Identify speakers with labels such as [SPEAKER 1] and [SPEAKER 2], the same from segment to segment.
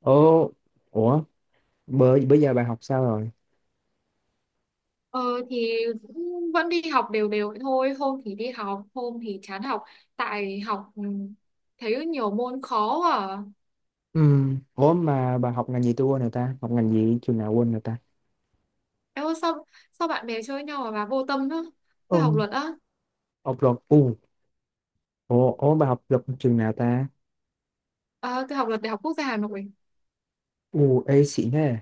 [SPEAKER 1] Ồ, ủa, bữa giờ bà học sao rồi?
[SPEAKER 2] Ờ, thì cũng vẫn đi học đều đều vậy thôi. Hôm thì đi học, hôm thì chán học. Tại học, thấy nhiều môn khó à.
[SPEAKER 1] Ừ, ủa mà bà học ngành gì tôi quên rồi ta? Học ngành gì trường nào quên rồi ta?
[SPEAKER 2] Em ơi, sao bạn bè chơi nhau mà bà vô tâm á?
[SPEAKER 1] Ừ.
[SPEAKER 2] Tôi học luật á.
[SPEAKER 1] Học luật, ủa bà học luật trường nào ta?
[SPEAKER 2] Tôi học luật Đại học Quốc gia Hà Nội.
[SPEAKER 1] U, ê xịn thế.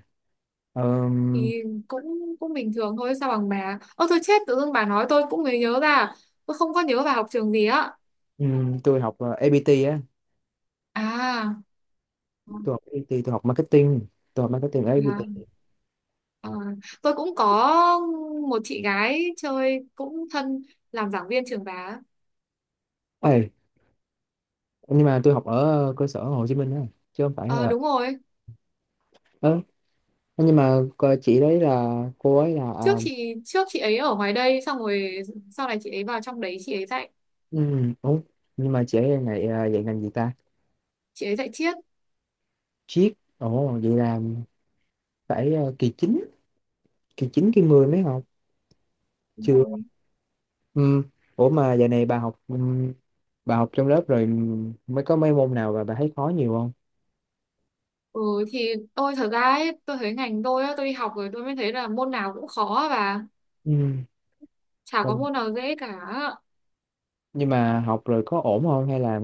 [SPEAKER 1] Ờm,
[SPEAKER 2] Thì cũng cũng bình thường thôi. Sao bằng bà. Ơ tôi chết, tự dưng bà nói tôi cũng mới nhớ ra. Tôi không có nhớ bà học trường gì á.
[SPEAKER 1] tôi học APT á,
[SPEAKER 2] À.
[SPEAKER 1] tôi học APT, tôi học marketing ở
[SPEAKER 2] À,
[SPEAKER 1] APT.
[SPEAKER 2] à, tôi cũng có một chị gái chơi cũng thân làm giảng viên trường bà á.
[SPEAKER 1] Ê, nhưng mà tôi học ở cơ sở Hồ Chí Minh á, chứ không phải
[SPEAKER 2] Ờ
[SPEAKER 1] là...
[SPEAKER 2] đúng rồi.
[SPEAKER 1] Ờ, nhưng mà chị đấy là, cô ấy là... À,
[SPEAKER 2] Trước chị ấy ở ngoài đây xong rồi sau này chị ấy vào trong đấy chị ấy dạy.
[SPEAKER 1] ủa, nhưng mà chị ấy là dạy, à, dạy ngành gì ta?
[SPEAKER 2] Chị ấy dạy triết.
[SPEAKER 1] Triết, ồ, vậy là phải kỳ chín kỳ 10 mới học
[SPEAKER 2] Đúng
[SPEAKER 1] chưa.
[SPEAKER 2] rồi.
[SPEAKER 1] Ừ. Ủa mà giờ này bà học trong lớp rồi, mới có mấy môn nào mà bà thấy khó nhiều không?
[SPEAKER 2] ừ thì tôi thật ra ấy, tôi thấy ngành tôi á, tôi đi học rồi tôi mới thấy là môn nào cũng khó và
[SPEAKER 1] Ừ.
[SPEAKER 2] chả có
[SPEAKER 1] Ừ.
[SPEAKER 2] môn nào dễ cả.
[SPEAKER 1] Nhưng mà học rồi có ổn không, hay là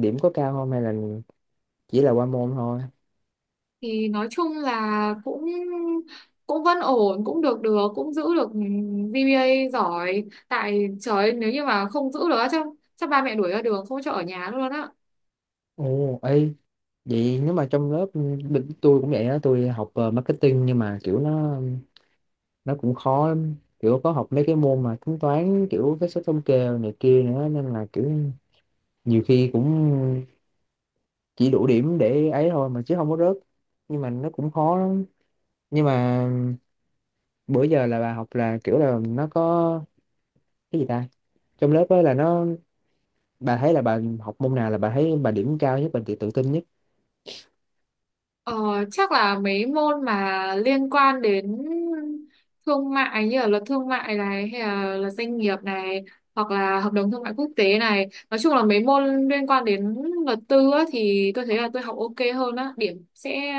[SPEAKER 1] điểm có cao không, hay là chỉ là qua môn thôi?
[SPEAKER 2] Thì nói chung là cũng cũng vẫn ổn, cũng được được cũng giữ được GPA giỏi. Tại trời ơi, nếu như mà không giữ được á, chắc chắc ba mẹ đuổi ra đường không cho ở nhà luôn á.
[SPEAKER 1] Ồ ê, vậy nếu mà trong lớp tôi cũng vậy đó. Tôi học marketing, nhưng mà kiểu nó cũng khó lắm, kiểu có học mấy cái môn mà tính toán kiểu cái số thống kê này kia nữa, nên là kiểu nhiều khi cũng chỉ đủ điểm để ấy thôi mà chứ không có rớt, nhưng mà nó cũng khó lắm. Nhưng mà bữa giờ là bà học là kiểu là nó có cái gì ta, trong lớp ấy là nó, bà thấy là bà học môn nào là bà thấy bà điểm cao nhất, bà tự tự tin nhất?
[SPEAKER 2] Ờ, chắc là mấy môn mà liên quan đến thương mại như là luật thương mại này hay là luật doanh nghiệp này hoặc là hợp đồng thương mại quốc tế này, nói chung là mấy môn liên quan đến luật tư á, thì tôi thấy là tôi học ok hơn á, điểm sẽ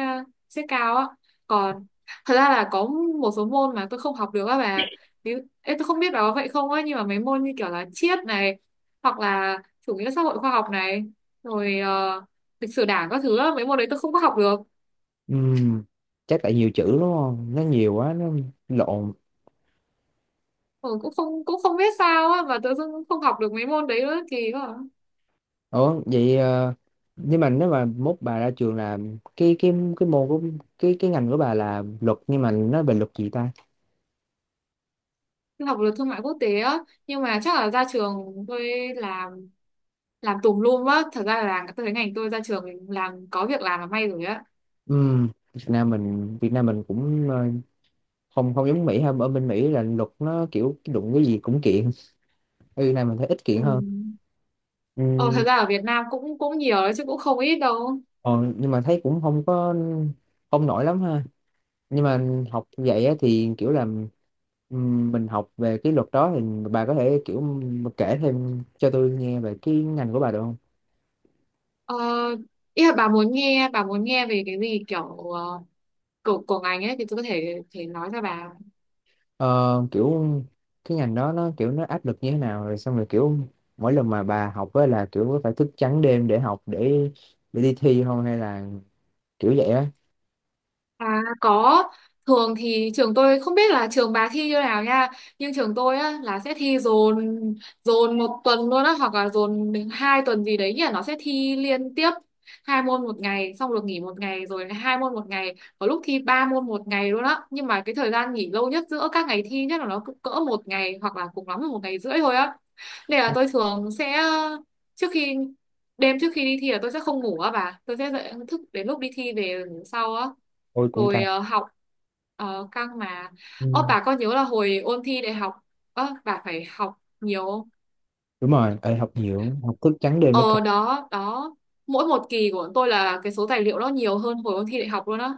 [SPEAKER 2] sẽ cao á. Còn thật ra là có một số môn mà tôi không học được á bà. Ví Ê, tôi không biết bà có vậy không á nhưng mà mấy môn như kiểu là triết này hoặc là chủ nghĩa xã hội khoa học này rồi lịch sử đảng các thứ á, mấy môn đấy tôi không có học được.
[SPEAKER 1] Ừm, chắc tại nhiều chữ đúng không, nó nhiều quá nó lộn.
[SPEAKER 2] Ờ, cũng không biết sao á mà tự dưng cũng không học được mấy môn đấy nữa, kỳ quá à.
[SPEAKER 1] Ủa vậy nhưng mà nếu mà mốt bà ra trường là cái môn của, cái ngành của bà là luật nhưng mà nó về luật gì ta?
[SPEAKER 2] Tôi học được thương mại quốc tế á nhưng mà chắc là ra trường tôi làm làm tùm lum á. Thật ra là tôi thấy ngành tôi ra trường làm có việc làm là may rồi á.
[SPEAKER 1] Việt Nam mình cũng không không giống Mỹ ha, ở bên Mỹ là luật nó kiểu đụng cái gì cũng kiện, ừ, này mình thấy ít kiện
[SPEAKER 2] Ừ.
[SPEAKER 1] hơn.
[SPEAKER 2] Ờ, thật
[SPEAKER 1] Ừ,
[SPEAKER 2] ra ở Việt Nam cũng cũng nhiều đấy chứ cũng không ít đâu.
[SPEAKER 1] còn nhưng mà thấy cũng không có không nổi lắm ha, nhưng mà học vậy á, thì kiểu là, mình học về cái luật đó thì bà có thể kiểu mà kể thêm cho tôi nghe về cái ngành của bà được không?
[SPEAKER 2] Ờ, ý là bà muốn nghe, bà muốn nghe về cái gì kiểu của ngành ấy thì tôi có thể thể nói cho bà.
[SPEAKER 1] Ờ, kiểu cái ngành đó nó kiểu nó áp lực như thế nào, rồi xong rồi kiểu mỗi lần mà bà học á là kiểu phải thức trắng đêm để học, để đi thi không, hay là kiểu vậy á?
[SPEAKER 2] À có, thường thì trường tôi không biết là trường bà thi như nào nha, nhưng trường tôi á là sẽ thi dồn dồn một tuần luôn á hoặc là dồn đến hai tuần gì đấy nhỉ, nó sẽ thi liên tiếp hai môn một ngày xong được nghỉ một ngày rồi hai môn một ngày, có lúc thi ba môn một ngày luôn á, nhưng mà cái thời gian nghỉ lâu nhất giữa các ngày thi nhất là nó cũng cỡ một ngày hoặc là cùng lắm là một ngày rưỡi thôi á. Nên là tôi thường sẽ trước khi đêm trước khi đi thi là tôi sẽ không ngủ á bà, tôi sẽ dậy thức đến lúc đi thi về ngủ sau á.
[SPEAKER 1] Ôi cũng
[SPEAKER 2] Rồi
[SPEAKER 1] căng.
[SPEAKER 2] học căng mà. Ơ
[SPEAKER 1] Ừ.
[SPEAKER 2] bà có nhớ là hồi ôn thi đại học, ơ bà phải học nhiều không?
[SPEAKER 1] Đúng rồi. Ê, học nhiều, học thức trắng đêm nữa cả.
[SPEAKER 2] Ờ đó đó, mỗi một kỳ của bọn tôi là cái số tài liệu nó nhiều hơn hồi ôn thi đại học luôn á.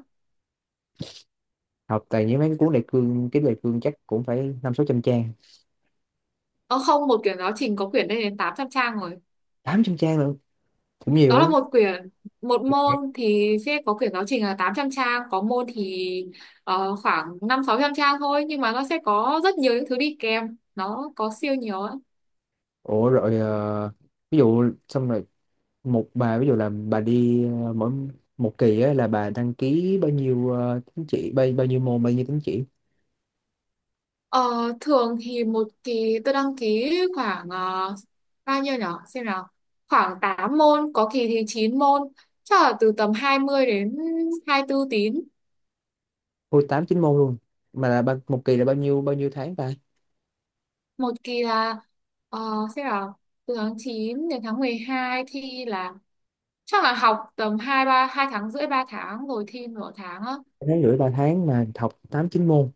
[SPEAKER 1] Học tại những mấy cuốn đại cương, cái đại cương chắc cũng phải năm sáu trăm trang.
[SPEAKER 2] Ờ không, một quyển giáo trình có quyển lên đến 800 trang rồi.
[SPEAKER 1] Tám trăm trang nữa, cũng nhiều
[SPEAKER 2] Đó là
[SPEAKER 1] ấy.
[SPEAKER 2] một quyển, một môn thì sẽ có quyển giáo trình là 800 trang, có môn thì ờ, khoảng năm sáu trăm trang thôi nhưng mà nó sẽ có rất nhiều những thứ đi kèm, nó có siêu nhiều ấy.
[SPEAKER 1] Ủa rồi ví dụ xong rồi, bà ví dụ là bà đi mỗi một kỳ á là bà đăng ký bao nhiêu tín chỉ, bao nhiêu môn, bao nhiêu tín chỉ?
[SPEAKER 2] Ờ, thường thì một kỳ tôi đăng ký khoảng bao nhiêu nhở, xem nào, khoảng 8 môn, có kỳ thì 9 môn, chắc là từ tầm 20 đến 24 tín.
[SPEAKER 1] Ôi tám chín môn luôn, mà là một kỳ là bao nhiêu tháng ta?
[SPEAKER 2] Một kỳ là ờ, xem nào, từ tháng 9 đến tháng 12 thi là chắc là học tầm hai tháng rưỡi ba tháng rồi thi nửa tháng á.
[SPEAKER 1] Ba tháng rưỡi ba tháng mà học tám chín môn.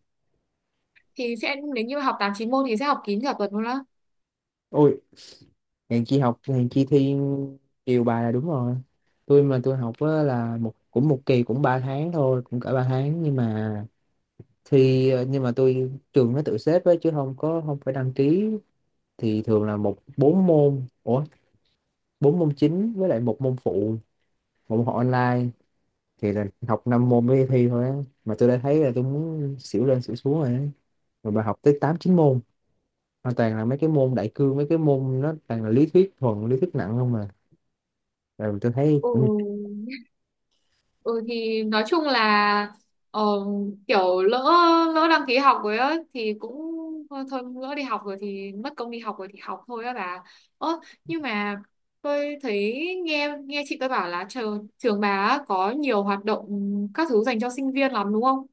[SPEAKER 2] Thì sẽ nếu như học tám chín môn thì sẽ học kín cả tuần luôn á.
[SPEAKER 1] Ôi hèn chi học, hèn chi thi chiều bài là đúng rồi. Tôi mà tôi học á là cũng một kỳ cũng 3 tháng thôi, cũng cả 3 tháng, nhưng mà nhưng mà tôi trường nó tự xếp ấy, chứ không có không phải đăng ký, thì thường là bốn môn. Ủa, bốn môn chính với lại một môn phụ, một môn học online, thì là học năm môn mới thi thôi á, mà tôi đã thấy là tôi muốn xỉu lên xỉu xuống rồi á. Rồi bà học tới tám chín môn, hoàn toàn là mấy cái môn đại cương, mấy cái môn nó toàn là lý thuyết, thuần lý thuyết nặng không mà, rồi tôi thấy
[SPEAKER 2] Ừ,
[SPEAKER 1] cũng.
[SPEAKER 2] Ừ thì nói chung là ờ, kiểu lỡ lỡ đăng ký học rồi á thì cũng thôi lỡ đi học rồi thì mất công đi học rồi thì học thôi á bà. Ơ nhưng mà tôi thấy nghe nghe chị tôi bảo là trường trường bà á, có nhiều hoạt động các thứ dành cho sinh viên lắm đúng không?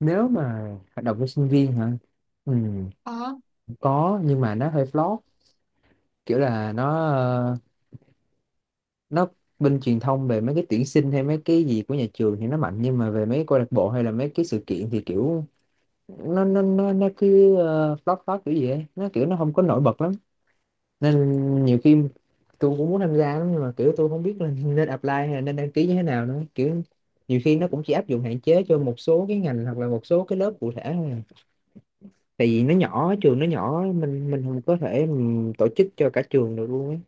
[SPEAKER 1] Nếu mà hoạt động cho sinh viên hả? Ừ,
[SPEAKER 2] Ờ.
[SPEAKER 1] có nhưng mà nó hơi flop, kiểu là nó nó bên truyền thông về mấy cái tuyển sinh hay mấy cái gì của nhà trường thì nó mạnh, nhưng mà về mấy cái câu lạc bộ hay là mấy cái sự kiện thì kiểu nó cứ flop flop kiểu gì ấy, nó kiểu nó không có nổi bật lắm. Nên nhiều khi tôi cũng muốn tham gia lắm, nhưng mà kiểu tôi không biết là nên apply hay là nên đăng ký như thế nào nữa, kiểu nhiều khi nó cũng chỉ áp dụng hạn chế cho một số cái ngành hoặc là một số cái lớp cụ thể thôi à. Tại vì nó nhỏ, trường nó nhỏ mình không có thể mình tổ chức cho cả trường được luôn ấy,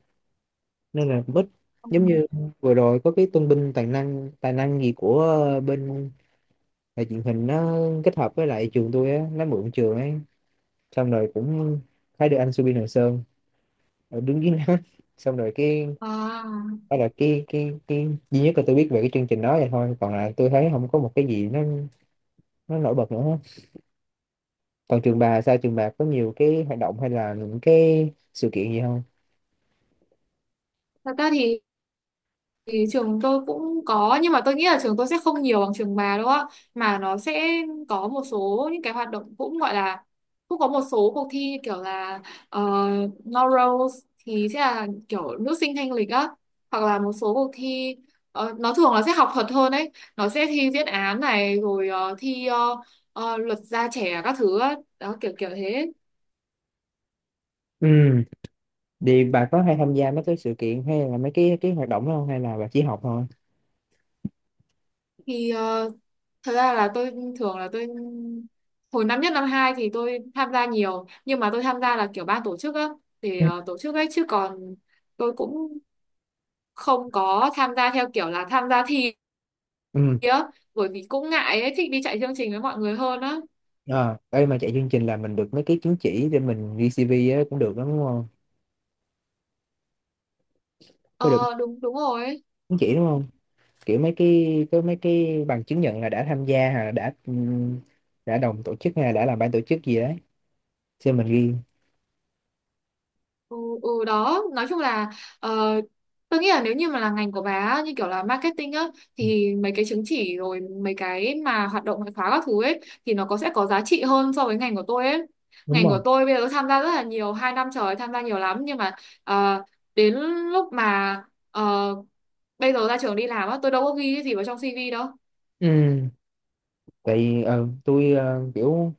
[SPEAKER 1] nên là cũng ít.
[SPEAKER 2] Ừ.
[SPEAKER 1] Giống như vừa rồi có cái tôn vinh tài năng, gì của bên đài truyền hình, nó kết hợp với lại trường tôi á, nó mượn trường ấy, xong rồi cũng thấy được anh Subin Hoàng Sơn ở đứng dưới nó xong rồi cái
[SPEAKER 2] À,
[SPEAKER 1] đó là cái duy nhất là tôi biết về cái chương trình đó vậy thôi, còn lại tôi thấy không có một cái gì nó nổi bật nữa hết. Còn trường bà sao, trường bà có nhiều cái hoạt động hay là những cái sự kiện gì không?
[SPEAKER 2] thật ra thì trường tôi cũng có nhưng mà tôi nghĩ là trường tôi sẽ không nhiều bằng trường bà đâu á. Mà nó sẽ có một số những cái hoạt động cũng gọi là cũng có một số cuộc thi như kiểu là Laurels thì sẽ là kiểu nữ sinh thanh lịch á, hoặc là một số cuộc thi nó thường là sẽ học thuật hơn ấy, nó sẽ thi diễn án này rồi thi luật gia trẻ các thứ á, đó kiểu kiểu thế.
[SPEAKER 1] Ừ. Thì bà có hay tham gia mấy cái sự kiện hay là mấy cái hoạt động đó không, hay là bà chỉ học thôi?
[SPEAKER 2] Thì thật ra là tôi thường là tôi hồi năm nhất năm hai thì tôi tham gia nhiều nhưng mà tôi tham gia là kiểu ban tổ chức á, thì
[SPEAKER 1] Ừ.
[SPEAKER 2] tổ chức ấy, chứ còn tôi cũng không có tham gia theo kiểu là tham gia thi
[SPEAKER 1] Ừ.
[SPEAKER 2] á, bởi vì cũng ngại ấy, thích đi chạy chương trình với mọi người hơn á.
[SPEAKER 1] À, đây mà chạy chương trình là mình được mấy cái chứng chỉ để mình VCV á, cũng được đó, đúng không? Có được
[SPEAKER 2] Ờ đúng đúng rồi.
[SPEAKER 1] chứng chỉ đúng không? Kiểu mấy cái, có mấy cái bằng chứng nhận là đã tham gia hay là đã đồng tổ chức hay là đã làm ban tổ chức gì đấy. Xem mình ghi.
[SPEAKER 2] Ừ, ừ đó nói chung là ờ, tôi nghĩ là nếu như mà là ngành của bà á, như kiểu là marketing á,
[SPEAKER 1] Ừ.
[SPEAKER 2] thì mấy cái chứng chỉ rồi mấy cái mà hoạt động ngoại khóa các thứ ấy thì nó có sẽ có giá trị hơn so với ngành của tôi ấy.
[SPEAKER 1] Đúng
[SPEAKER 2] Ngành
[SPEAKER 1] rồi.
[SPEAKER 2] của tôi bây giờ tôi tham gia rất là nhiều, hai năm trời tham gia nhiều lắm, nhưng mà ờ, đến lúc mà ờ, bây giờ ra trường đi làm á, tôi đâu có ghi cái gì vào trong CV đâu.
[SPEAKER 1] Ừ. Tại vì, tôi kiểu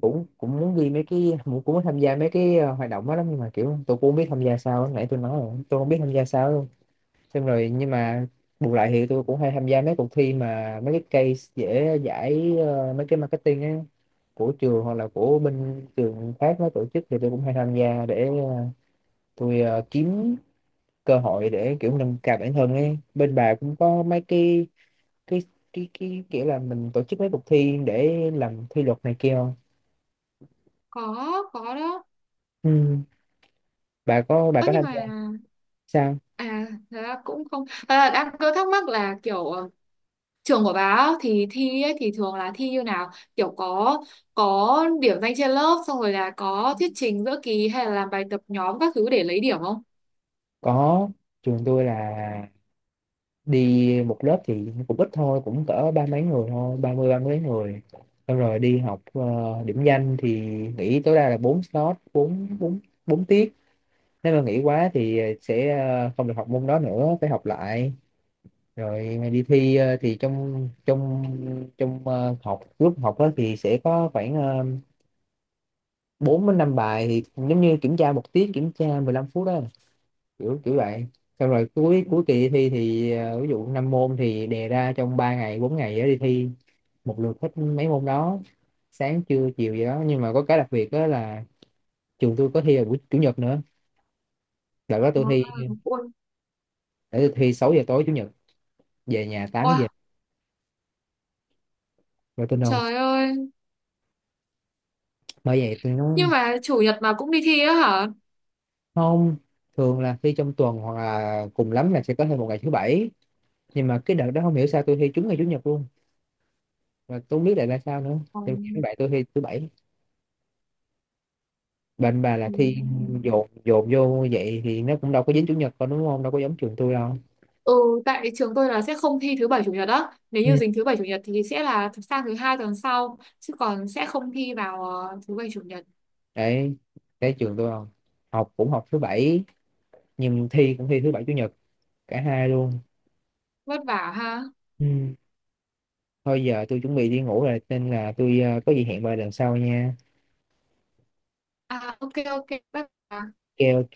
[SPEAKER 1] cũng cũng muốn ghi mấy cái, cũng cũng muốn tham gia mấy cái hoạt động đó lắm, nhưng mà kiểu tôi cũng không biết tham gia sao. Nãy tôi nói rồi, tôi không biết tham gia sao. Xong rồi nhưng mà bù lại thì tôi cũng hay tham gia mấy cuộc thi mà mấy cái case dễ giải, mấy cái marketing á, của trường hoặc là của bên trường khác nó tổ chức, thì tôi cũng hay tham gia để tôi kiếm cơ hội để kiểu nâng cao bản thân ấy. Bên bà cũng có mấy cái cái cái kiểu là mình tổ chức mấy cuộc thi để làm thi luật này kia không?
[SPEAKER 2] có có đó.
[SPEAKER 1] Ừ. Bà có,
[SPEAKER 2] Ơ nhưng
[SPEAKER 1] tham
[SPEAKER 2] mà
[SPEAKER 1] gia sao?
[SPEAKER 2] à, thật ra cũng không, thật đang cứ thắc mắc là kiểu trường của bà á, thì thi ấy, thì thường là thi như nào, kiểu có điểm danh trên lớp xong rồi là có thuyết trình giữa kỳ hay là làm bài tập nhóm các thứ để lấy điểm không?
[SPEAKER 1] Có. Trường tôi là đi một lớp thì cũng ít thôi, cũng cỡ ba mấy người thôi, ba mươi ba mấy người, xong rồi đi học điểm danh thì nghỉ tối đa là bốn slot, bốn bốn bốn tiết, nếu mà nghỉ quá thì sẽ không được học môn đó nữa, phải học lại. Rồi đi thi thì trong trong trong học lúc học đó thì sẽ có khoảng bốn đến năm bài thì giống như kiểm tra một tiết, kiểm tra 15 phút đó, kiểu kiểu vậy. Xong rồi cuối cuối kỳ thi thì ví dụ năm môn thì đề ra trong 3 ngày 4 ngày đó đi thi một lượt hết mấy môn đó, sáng trưa chiều gì đó, nhưng mà có cái đặc biệt đó là trường tôi có thi vào buổi chủ nhật nữa. Đợt đó tôi
[SPEAKER 2] À,
[SPEAKER 1] thi,
[SPEAKER 2] ui, ôi.
[SPEAKER 1] để tôi thi 6 giờ tối chủ nhật, về nhà 8 giờ,
[SPEAKER 2] Wow,
[SPEAKER 1] rồi tôi nôn.
[SPEAKER 2] trời ơi,
[SPEAKER 1] Bởi vậy tôi nói,
[SPEAKER 2] nhưng mà chủ nhật mà cũng đi thi á hả?
[SPEAKER 1] không, thường là thi trong tuần hoặc là cùng lắm là sẽ có thêm một ngày thứ bảy, nhưng mà cái đợt đó không hiểu sao tôi thi trúng ngày chủ nhật luôn, và tôi không biết lại là sao nữa,
[SPEAKER 2] ừ,
[SPEAKER 1] nhưng mà vậy tôi thi thứ bảy. Bên bà là
[SPEAKER 2] ừ.
[SPEAKER 1] thi dồn dồn vô vậy thì nó cũng đâu có dính chủ nhật đâu đúng không? Đâu có giống trường tôi đâu.
[SPEAKER 2] Ừ, tại trường tôi là sẽ không thi thứ bảy chủ nhật á, nếu
[SPEAKER 1] Ừ.
[SPEAKER 2] như dính thứ bảy chủ nhật thì sẽ là sang thứ hai tuần sau chứ còn sẽ không thi vào thứ bảy chủ nhật.
[SPEAKER 1] Đấy, cái trường tôi không. Học cũng học thứ bảy, nhưng thi cũng thi thứ bảy chủ nhật, cả hai luôn.
[SPEAKER 2] Vất vả ha.
[SPEAKER 1] Ừ. Thôi giờ tôi chuẩn bị đi ngủ rồi, nên là tôi có gì hẹn bà lần sau nha.
[SPEAKER 2] À ok ok, vất vả.
[SPEAKER 1] Ok ok.